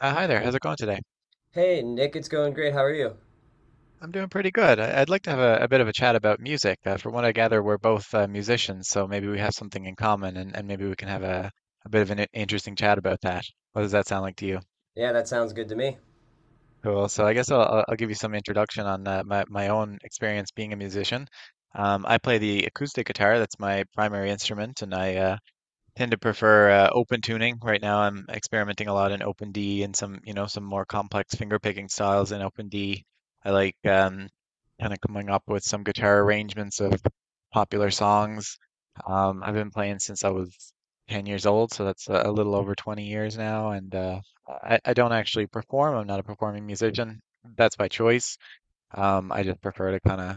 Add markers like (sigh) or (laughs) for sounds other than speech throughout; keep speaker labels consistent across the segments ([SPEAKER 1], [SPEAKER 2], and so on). [SPEAKER 1] Hi there, how's it going today?
[SPEAKER 2] Hey, Nick, it's going great. How are you?
[SPEAKER 1] I'm doing pretty good. I'd like to have a bit of a chat about music. From what I gather, we're both musicians, so maybe we have something in common and maybe we can have a bit of an interesting chat about that. What does that sound like to you?
[SPEAKER 2] Yeah, that sounds good to me.
[SPEAKER 1] Cool. So I guess I'll give you some introduction on my own experience being a musician. I play the acoustic guitar, that's my primary instrument, and I tend to prefer open tuning. Right now, I'm experimenting a lot in OpenD and some, some more complex finger picking styles in OpenD. I like kind of coming up with some guitar arrangements of popular songs. I've been playing since I was 10 years old, so that's a little over 20 years now. And I don't actually perform. I'm not a performing musician. That's by choice. I just prefer to kind of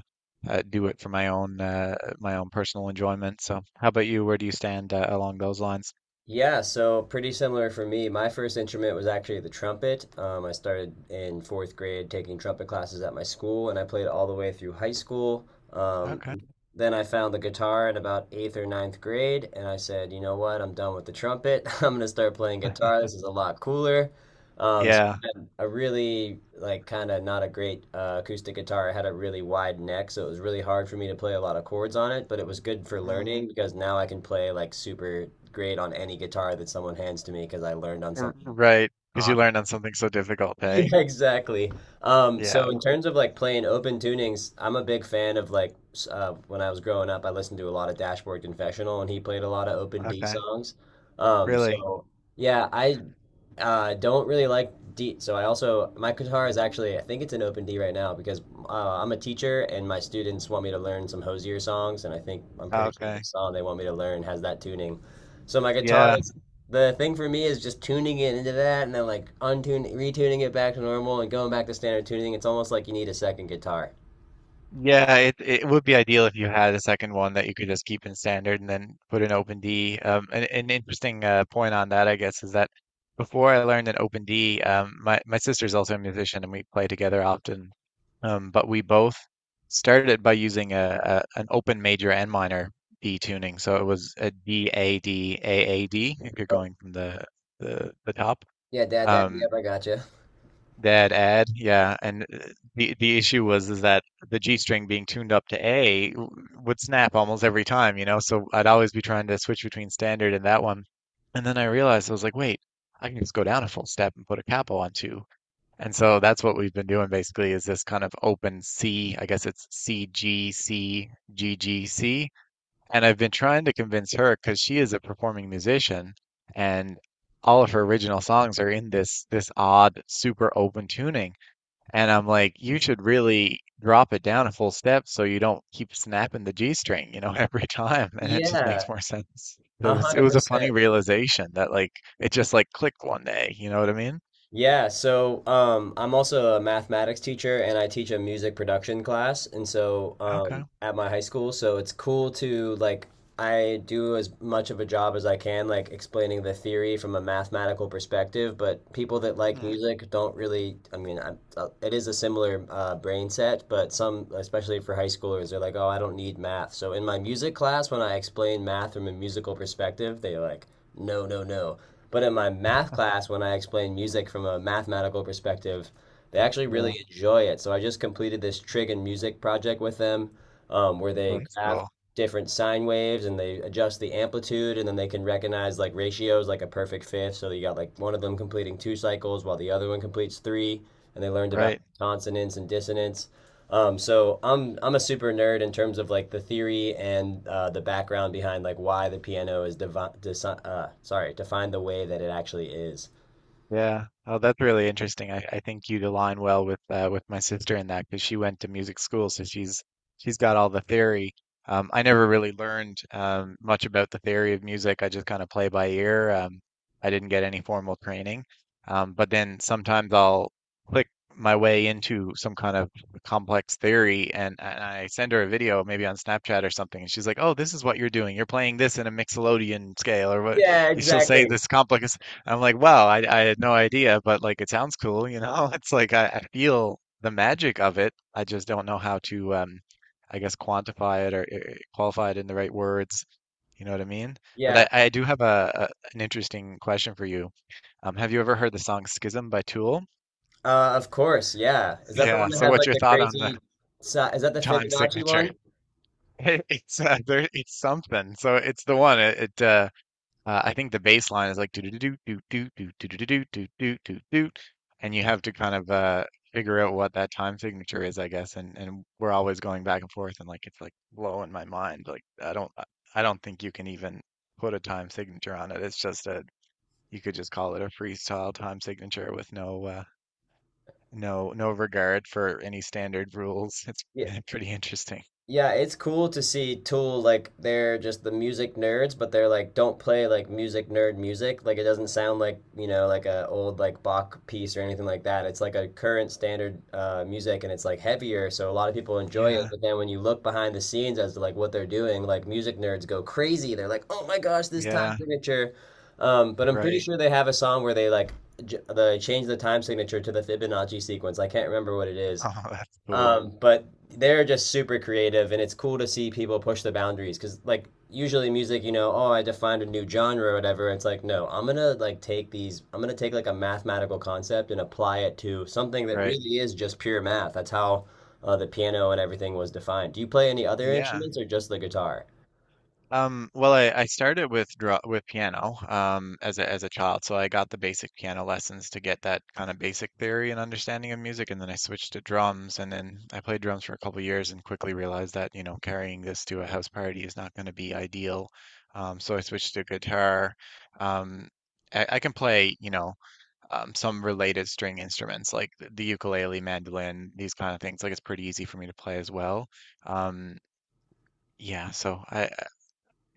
[SPEAKER 1] do it for my own personal enjoyment. So, how about you? Where do you stand along those lines?
[SPEAKER 2] Yeah, so pretty similar for me. My first instrument was actually the trumpet. I started in fourth grade taking trumpet classes at my school, and I played all the way through high school. Um,
[SPEAKER 1] Okay.
[SPEAKER 2] then I found the guitar in about eighth or ninth grade, and I said, you know what, I'm done with the trumpet. (laughs) I'm gonna start playing guitar. This is
[SPEAKER 1] (laughs)
[SPEAKER 2] a lot cooler. So
[SPEAKER 1] Yeah.
[SPEAKER 2] I had a really like kind of not a great acoustic guitar. It had a really wide neck, so it was really hard for me to play a lot of chords on it. But it was good for learning
[SPEAKER 1] Mm,
[SPEAKER 2] because now I can play like super great on any guitar that someone hands to me because I learned on something. (laughs)
[SPEAKER 1] right. Because
[SPEAKER 2] Uh,
[SPEAKER 1] you learned on something so difficult, eh?
[SPEAKER 2] yeah, exactly.
[SPEAKER 1] Yeah.
[SPEAKER 2] So in terms of like playing open tunings, I'm a big fan of like when I was growing up, I listened to a lot of Dashboard Confessional, and he played a lot of open D
[SPEAKER 1] Okay.
[SPEAKER 2] songs. Um,
[SPEAKER 1] Really?
[SPEAKER 2] so yeah, I uh, don't really like D. So I also my guitar is actually I think it's an open D right now because I'm a teacher and my students want me to learn some Hosier songs and I think I'm pretty sure the
[SPEAKER 1] Okay.
[SPEAKER 2] song they want me to learn has that tuning. So my guitar
[SPEAKER 1] Yeah.
[SPEAKER 2] is the thing for me is just tuning it into that and then like untuning retuning it back to normal and going back to standard tuning. It's almost like you need a second guitar.
[SPEAKER 1] Yeah, it would be ideal if you had a second one that you could just keep in standard and then put in OpenD. An interesting point on that, I guess, is that before I learned in OpenD, my sister's also a musician and we play together often. But we both started by using a an open major and minor D tuning, so it was a DADAAD if you're
[SPEAKER 2] Oh
[SPEAKER 1] going from the top.
[SPEAKER 2] yeah, dad, dad.
[SPEAKER 1] Um,
[SPEAKER 2] Yep, I gotcha.
[SPEAKER 1] yeah, and the issue was is that the G string being tuned up to A would snap almost every time. So I'd always be trying to switch between standard and that one, and then I realized I was like, wait, I can just go down a full step and put a capo on two. And so that's what we've been doing basically is this kind of open C, I guess it's CGCGGC and I've been trying to convince her because she is a performing musician and all of her original songs are in this odd super open tuning. And I'm like, you should really drop it down a full step so you don't keep snapping the G string, (laughs) every time. And it just
[SPEAKER 2] Yeah,
[SPEAKER 1] makes more sense. It
[SPEAKER 2] a
[SPEAKER 1] was it
[SPEAKER 2] hundred
[SPEAKER 1] was a funny
[SPEAKER 2] percent.
[SPEAKER 1] realization that like it just like clicked one day, you know what I mean?
[SPEAKER 2] Yeah, so I'm also a mathematics teacher and I teach a music production class, and so
[SPEAKER 1] Okay.
[SPEAKER 2] at my high school, so it's cool to like I do as much of a job as I can, like explaining the theory from a mathematical perspective. But people that like
[SPEAKER 1] Hmm.
[SPEAKER 2] music don't really. I mean, it is a similar brain set, but some, especially for high schoolers, they're like, "Oh, I don't need math." So in my music class, when I explain math from a musical perspective, they are like, "No, no, no." But in my math class, when I explain music from a mathematical perspective, they actually
[SPEAKER 1] Yeah.
[SPEAKER 2] really enjoy it. So I just completed this trig and music project with them, where they
[SPEAKER 1] That's
[SPEAKER 2] graph
[SPEAKER 1] cool.
[SPEAKER 2] different sine waves and they adjust the amplitude and then they can recognize like ratios like a perfect fifth so you got like one of them completing two cycles while the other one completes three and they learned about
[SPEAKER 1] Right.
[SPEAKER 2] consonants and dissonance. So I'm a super nerd in terms of like the theory and the background behind like why the piano is devi- desi- sorry defined the way that it actually is.
[SPEAKER 1] Yeah. Oh, that's really interesting. I think you'd align well with with my sister in that because she went to music school, so she's got all the theory. I never really learned much about the theory of music. I just kind of play by ear. I didn't get any formal training. But then sometimes I'll click my way into some kind of complex theory, and I send her a video, maybe on Snapchat or something, and she's like, "Oh, this is what you're doing. You're playing this in a mixolydian scale, or what?"
[SPEAKER 2] Yeah,
[SPEAKER 1] You She'll say
[SPEAKER 2] exactly.
[SPEAKER 1] this complex. I'm like, wow, I had no idea, but like it sounds cool, you know? (laughs) It's like I feel the magic of it. I just don't know how to, I guess, quantify it or qualify it in the right words. You know what I mean? But
[SPEAKER 2] Yeah,
[SPEAKER 1] I do have a an interesting question for you. Have you ever heard the song Schism by Tool?
[SPEAKER 2] Of course, yeah. Is that the one
[SPEAKER 1] Yeah.
[SPEAKER 2] that
[SPEAKER 1] So
[SPEAKER 2] has
[SPEAKER 1] what's
[SPEAKER 2] like
[SPEAKER 1] your
[SPEAKER 2] the
[SPEAKER 1] thought on the,
[SPEAKER 2] crazy? Is that
[SPEAKER 1] the
[SPEAKER 2] the
[SPEAKER 1] time
[SPEAKER 2] Fibonacci
[SPEAKER 1] signature?
[SPEAKER 2] one?
[SPEAKER 1] (laughs) It's something. So it's the one. It I think the bass line is like do do do do do do do do do do do do do, and you have to kind of figure out what that time signature is, I guess. And we're always going back and forth, and like it's like blowing my mind. Like I don't think you can even put a time signature on it. It's just a you could just call it a freestyle time signature with no no regard for any standard rules. It's
[SPEAKER 2] Yeah.
[SPEAKER 1] (laughs) pretty interesting.
[SPEAKER 2] Yeah, it's cool to see Tool like they're just the music nerds, but they're like don't play like music nerd music. Like it doesn't sound like, you know, like a old like Bach piece or anything like that. It's like a current standard music and it's like heavier, so a lot of people enjoy it,
[SPEAKER 1] Yeah,
[SPEAKER 2] but then when you look behind the scenes as to like what they're doing, like music nerds go crazy. They're like, "Oh my gosh, this time
[SPEAKER 1] yeah,
[SPEAKER 2] signature." But I'm pretty
[SPEAKER 1] right. (laughs)
[SPEAKER 2] sure they have a song where they like they change the time signature to the Fibonacci sequence. I can't remember what it is.
[SPEAKER 1] Oh, that's cool.
[SPEAKER 2] But they're just super creative, and it's cool to see people push the boundaries because, like, usually music, you know, oh, I defined a new genre or whatever. It's like, no, I'm gonna like take these, I'm gonna take like a mathematical concept and apply it to something that
[SPEAKER 1] Right.
[SPEAKER 2] really is just pure math. That's how the piano and everything was defined. Do you play any other
[SPEAKER 1] Yeah.
[SPEAKER 2] instruments or just the guitar?
[SPEAKER 1] Well, I started with draw with piano as a child, so I got the basic piano lessons to get that kind of basic theory and understanding of music, and then I switched to drums, and then I played drums for a couple years and quickly realized that carrying this to a house party is not going to be ideal, so I switched to guitar. Um, I can play some related string instruments like the ukulele, mandolin, these kind of things. Like it's pretty easy for me to play as well. Um, yeah, so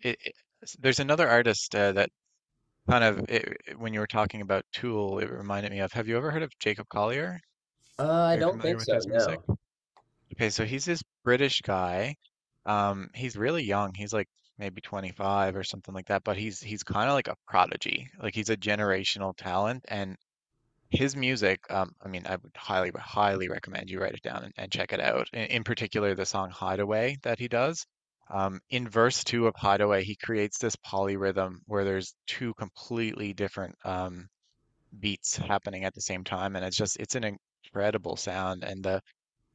[SPEAKER 1] it, it- there's another artist that when you were talking about Tool, it reminded me of. Have you ever heard of Jacob Collier?
[SPEAKER 2] I
[SPEAKER 1] Are you
[SPEAKER 2] don't
[SPEAKER 1] familiar
[SPEAKER 2] think
[SPEAKER 1] with
[SPEAKER 2] so,
[SPEAKER 1] his music?
[SPEAKER 2] no.
[SPEAKER 1] Okay, so he's this British guy. He's really young. He's like maybe 25 or something like that, but he's kind of like a prodigy. Like he's a generational talent and his music, I mean, I would highly, highly recommend you write it down and check it out. In particular, the song Hideaway that he does. In verse two of Hideaway, he creates this polyrhythm where there's two completely different beats happening at the same time, and it's just it's an incredible sound. And the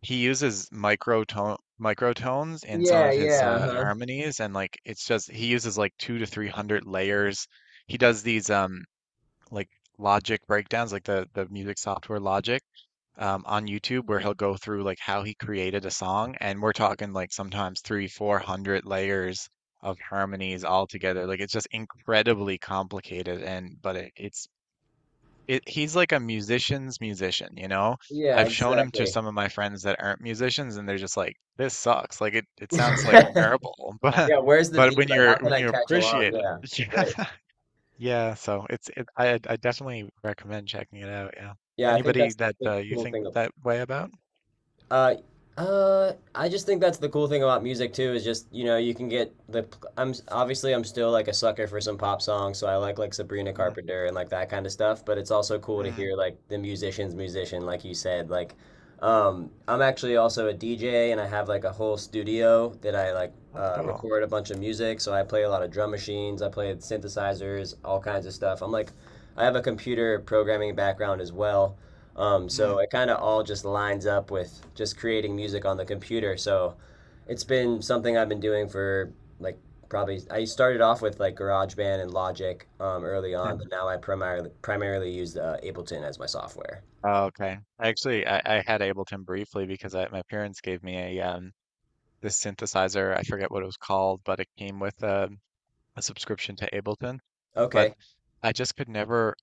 [SPEAKER 1] he uses microtones in some
[SPEAKER 2] Yeah,
[SPEAKER 1] of his
[SPEAKER 2] yeah, huh?
[SPEAKER 1] harmonies, and like it's just he uses like two to three hundred layers. He does these like Logic breakdowns, like the music software Logic, on YouTube where he'll go through like how he created a song, and we're talking like sometimes three, 400 layers of harmonies all together. Like it's just incredibly complicated, and but he's like a musician's musician, you know?
[SPEAKER 2] Yeah,
[SPEAKER 1] I've shown him to
[SPEAKER 2] exactly.
[SPEAKER 1] some of my friends that aren't musicians, and they're just like, "This sucks. Like it sounds like
[SPEAKER 2] (laughs)
[SPEAKER 1] garble." (laughs) But
[SPEAKER 2] Yeah, where's the
[SPEAKER 1] but when
[SPEAKER 2] beat? Like,
[SPEAKER 1] you're
[SPEAKER 2] how can
[SPEAKER 1] when
[SPEAKER 2] I
[SPEAKER 1] you
[SPEAKER 2] catch along?
[SPEAKER 1] appreciate it,
[SPEAKER 2] Yeah,
[SPEAKER 1] (laughs) yeah.
[SPEAKER 2] right.
[SPEAKER 1] Yeah, so I definitely recommend checking it out. Yeah,
[SPEAKER 2] Yeah, I think
[SPEAKER 1] anybody
[SPEAKER 2] that's
[SPEAKER 1] that
[SPEAKER 2] the
[SPEAKER 1] you
[SPEAKER 2] cool
[SPEAKER 1] think
[SPEAKER 2] thing.
[SPEAKER 1] that way about?
[SPEAKER 2] Uh, I just think that's the cool thing about music too is just you know you can get the I'm obviously I'm still like a sucker for some pop songs so I like Sabrina
[SPEAKER 1] Mm,
[SPEAKER 2] Carpenter and like that kind of stuff but it's also cool to
[SPEAKER 1] mm.
[SPEAKER 2] hear like the musician's musician like you said like I'm actually also a DJ and I have like a whole studio that I like
[SPEAKER 1] Oh, cool.
[SPEAKER 2] record a bunch of music so I play a lot of drum machines I play synthesizers all kinds of stuff I'm like I have a computer programming background as well. So
[SPEAKER 1] Mm.
[SPEAKER 2] it kind of all just lines up with just creating music on the computer. So it's been something I've been doing for like probably I started off with like GarageBand and Logic early on, but now I primarily use Ableton as my software.
[SPEAKER 1] Oh, okay. Actually, I had Ableton briefly because my parents gave me a this synthesizer. I forget what it was called, but it came with a subscription to Ableton. But
[SPEAKER 2] Okay.
[SPEAKER 1] I just could never.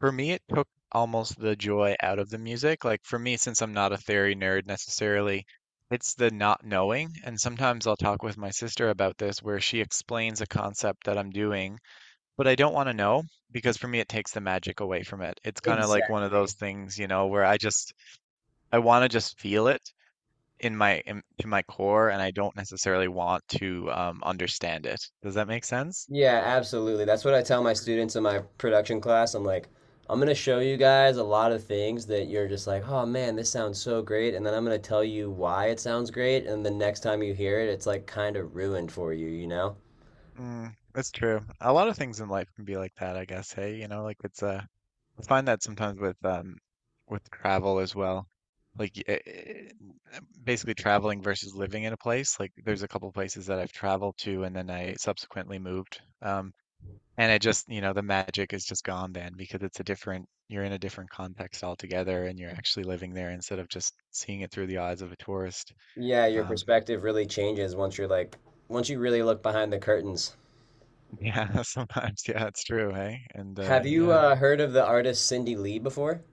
[SPEAKER 1] For me, it took almost the joy out of the music. Like for me, since I'm not a theory nerd necessarily, it's the not knowing. And sometimes I'll talk with my sister about this where she explains a concept that I'm doing, but I don't want to know because for me, it takes the magic away from it. It's kind of like one of those
[SPEAKER 2] Exactly.
[SPEAKER 1] things, where I want to just feel it to my core, and I don't necessarily want to understand it. Does that make sense?
[SPEAKER 2] Yeah, absolutely. That's what I tell my students in my production class. I'm like, I'm gonna show you guys a lot of things that you're just like, oh man, this sounds so great, and then I'm gonna tell you why it sounds great, and the next time you hear it, it's like kind of ruined for you, you know?
[SPEAKER 1] Mm, that's true. A lot of things in life can be like that, I guess. Hey, like it's I find that sometimes with travel as well. Like basically traveling versus living in a place. Like there's a couple places that I've traveled to and then I subsequently moved. And I just, the magic is just gone then because it's a different you're in a different context altogether and you're actually living there instead of just seeing it through the eyes of a tourist.
[SPEAKER 2] Yeah, your
[SPEAKER 1] Um
[SPEAKER 2] perspective really changes once you're like, once you really look behind the curtains.
[SPEAKER 1] yeah, (laughs) sometimes yeah, it's true, hey? And
[SPEAKER 2] Have you
[SPEAKER 1] yeah.
[SPEAKER 2] heard of the artist Cindy Lee before?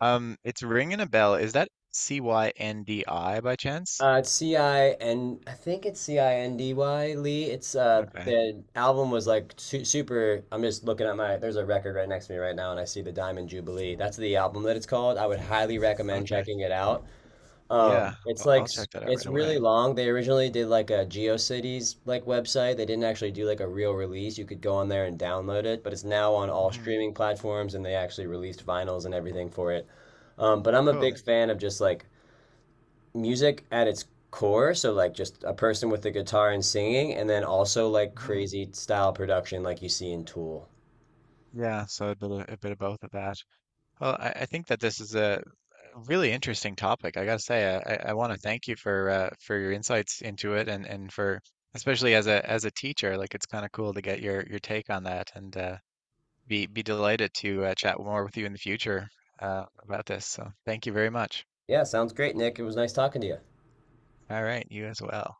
[SPEAKER 1] It's ringing a bell. Is that Cyndi by chance?
[SPEAKER 2] It's Cin. I think it's Cindy Lee. It's
[SPEAKER 1] Okay.
[SPEAKER 2] the album was like su super. I'm just looking at my. There's a record right next to me right now, and I see the Diamond Jubilee. That's the album that it's called. I would highly recommend
[SPEAKER 1] Okay.
[SPEAKER 2] checking it out.
[SPEAKER 1] Yeah,
[SPEAKER 2] It's
[SPEAKER 1] well,
[SPEAKER 2] like
[SPEAKER 1] I'll check that out
[SPEAKER 2] it's
[SPEAKER 1] right
[SPEAKER 2] really
[SPEAKER 1] away.
[SPEAKER 2] long. They originally did like a GeoCities like website. They didn't actually do like a real release. You could go on there and download it, but it's now on all
[SPEAKER 1] Hmm.
[SPEAKER 2] streaming platforms, and they actually released vinyls and everything for it. But I'm a
[SPEAKER 1] Cool.
[SPEAKER 2] big fan of just like music at its core, so like just a person with a guitar and singing, and then also like
[SPEAKER 1] Hmm.
[SPEAKER 2] crazy style production like you see in Tool.
[SPEAKER 1] Yeah, so a bit of both of that. Well, I think that this is a really interesting topic. I gotta say, I want to thank you for your insights into it, and for especially as a teacher, like it's kind of cool to get your take on that, and be delighted to chat more with you in the future about this. So thank you very much.
[SPEAKER 2] Yeah, sounds great, Nick. It was nice talking to you.
[SPEAKER 1] All right, you as well.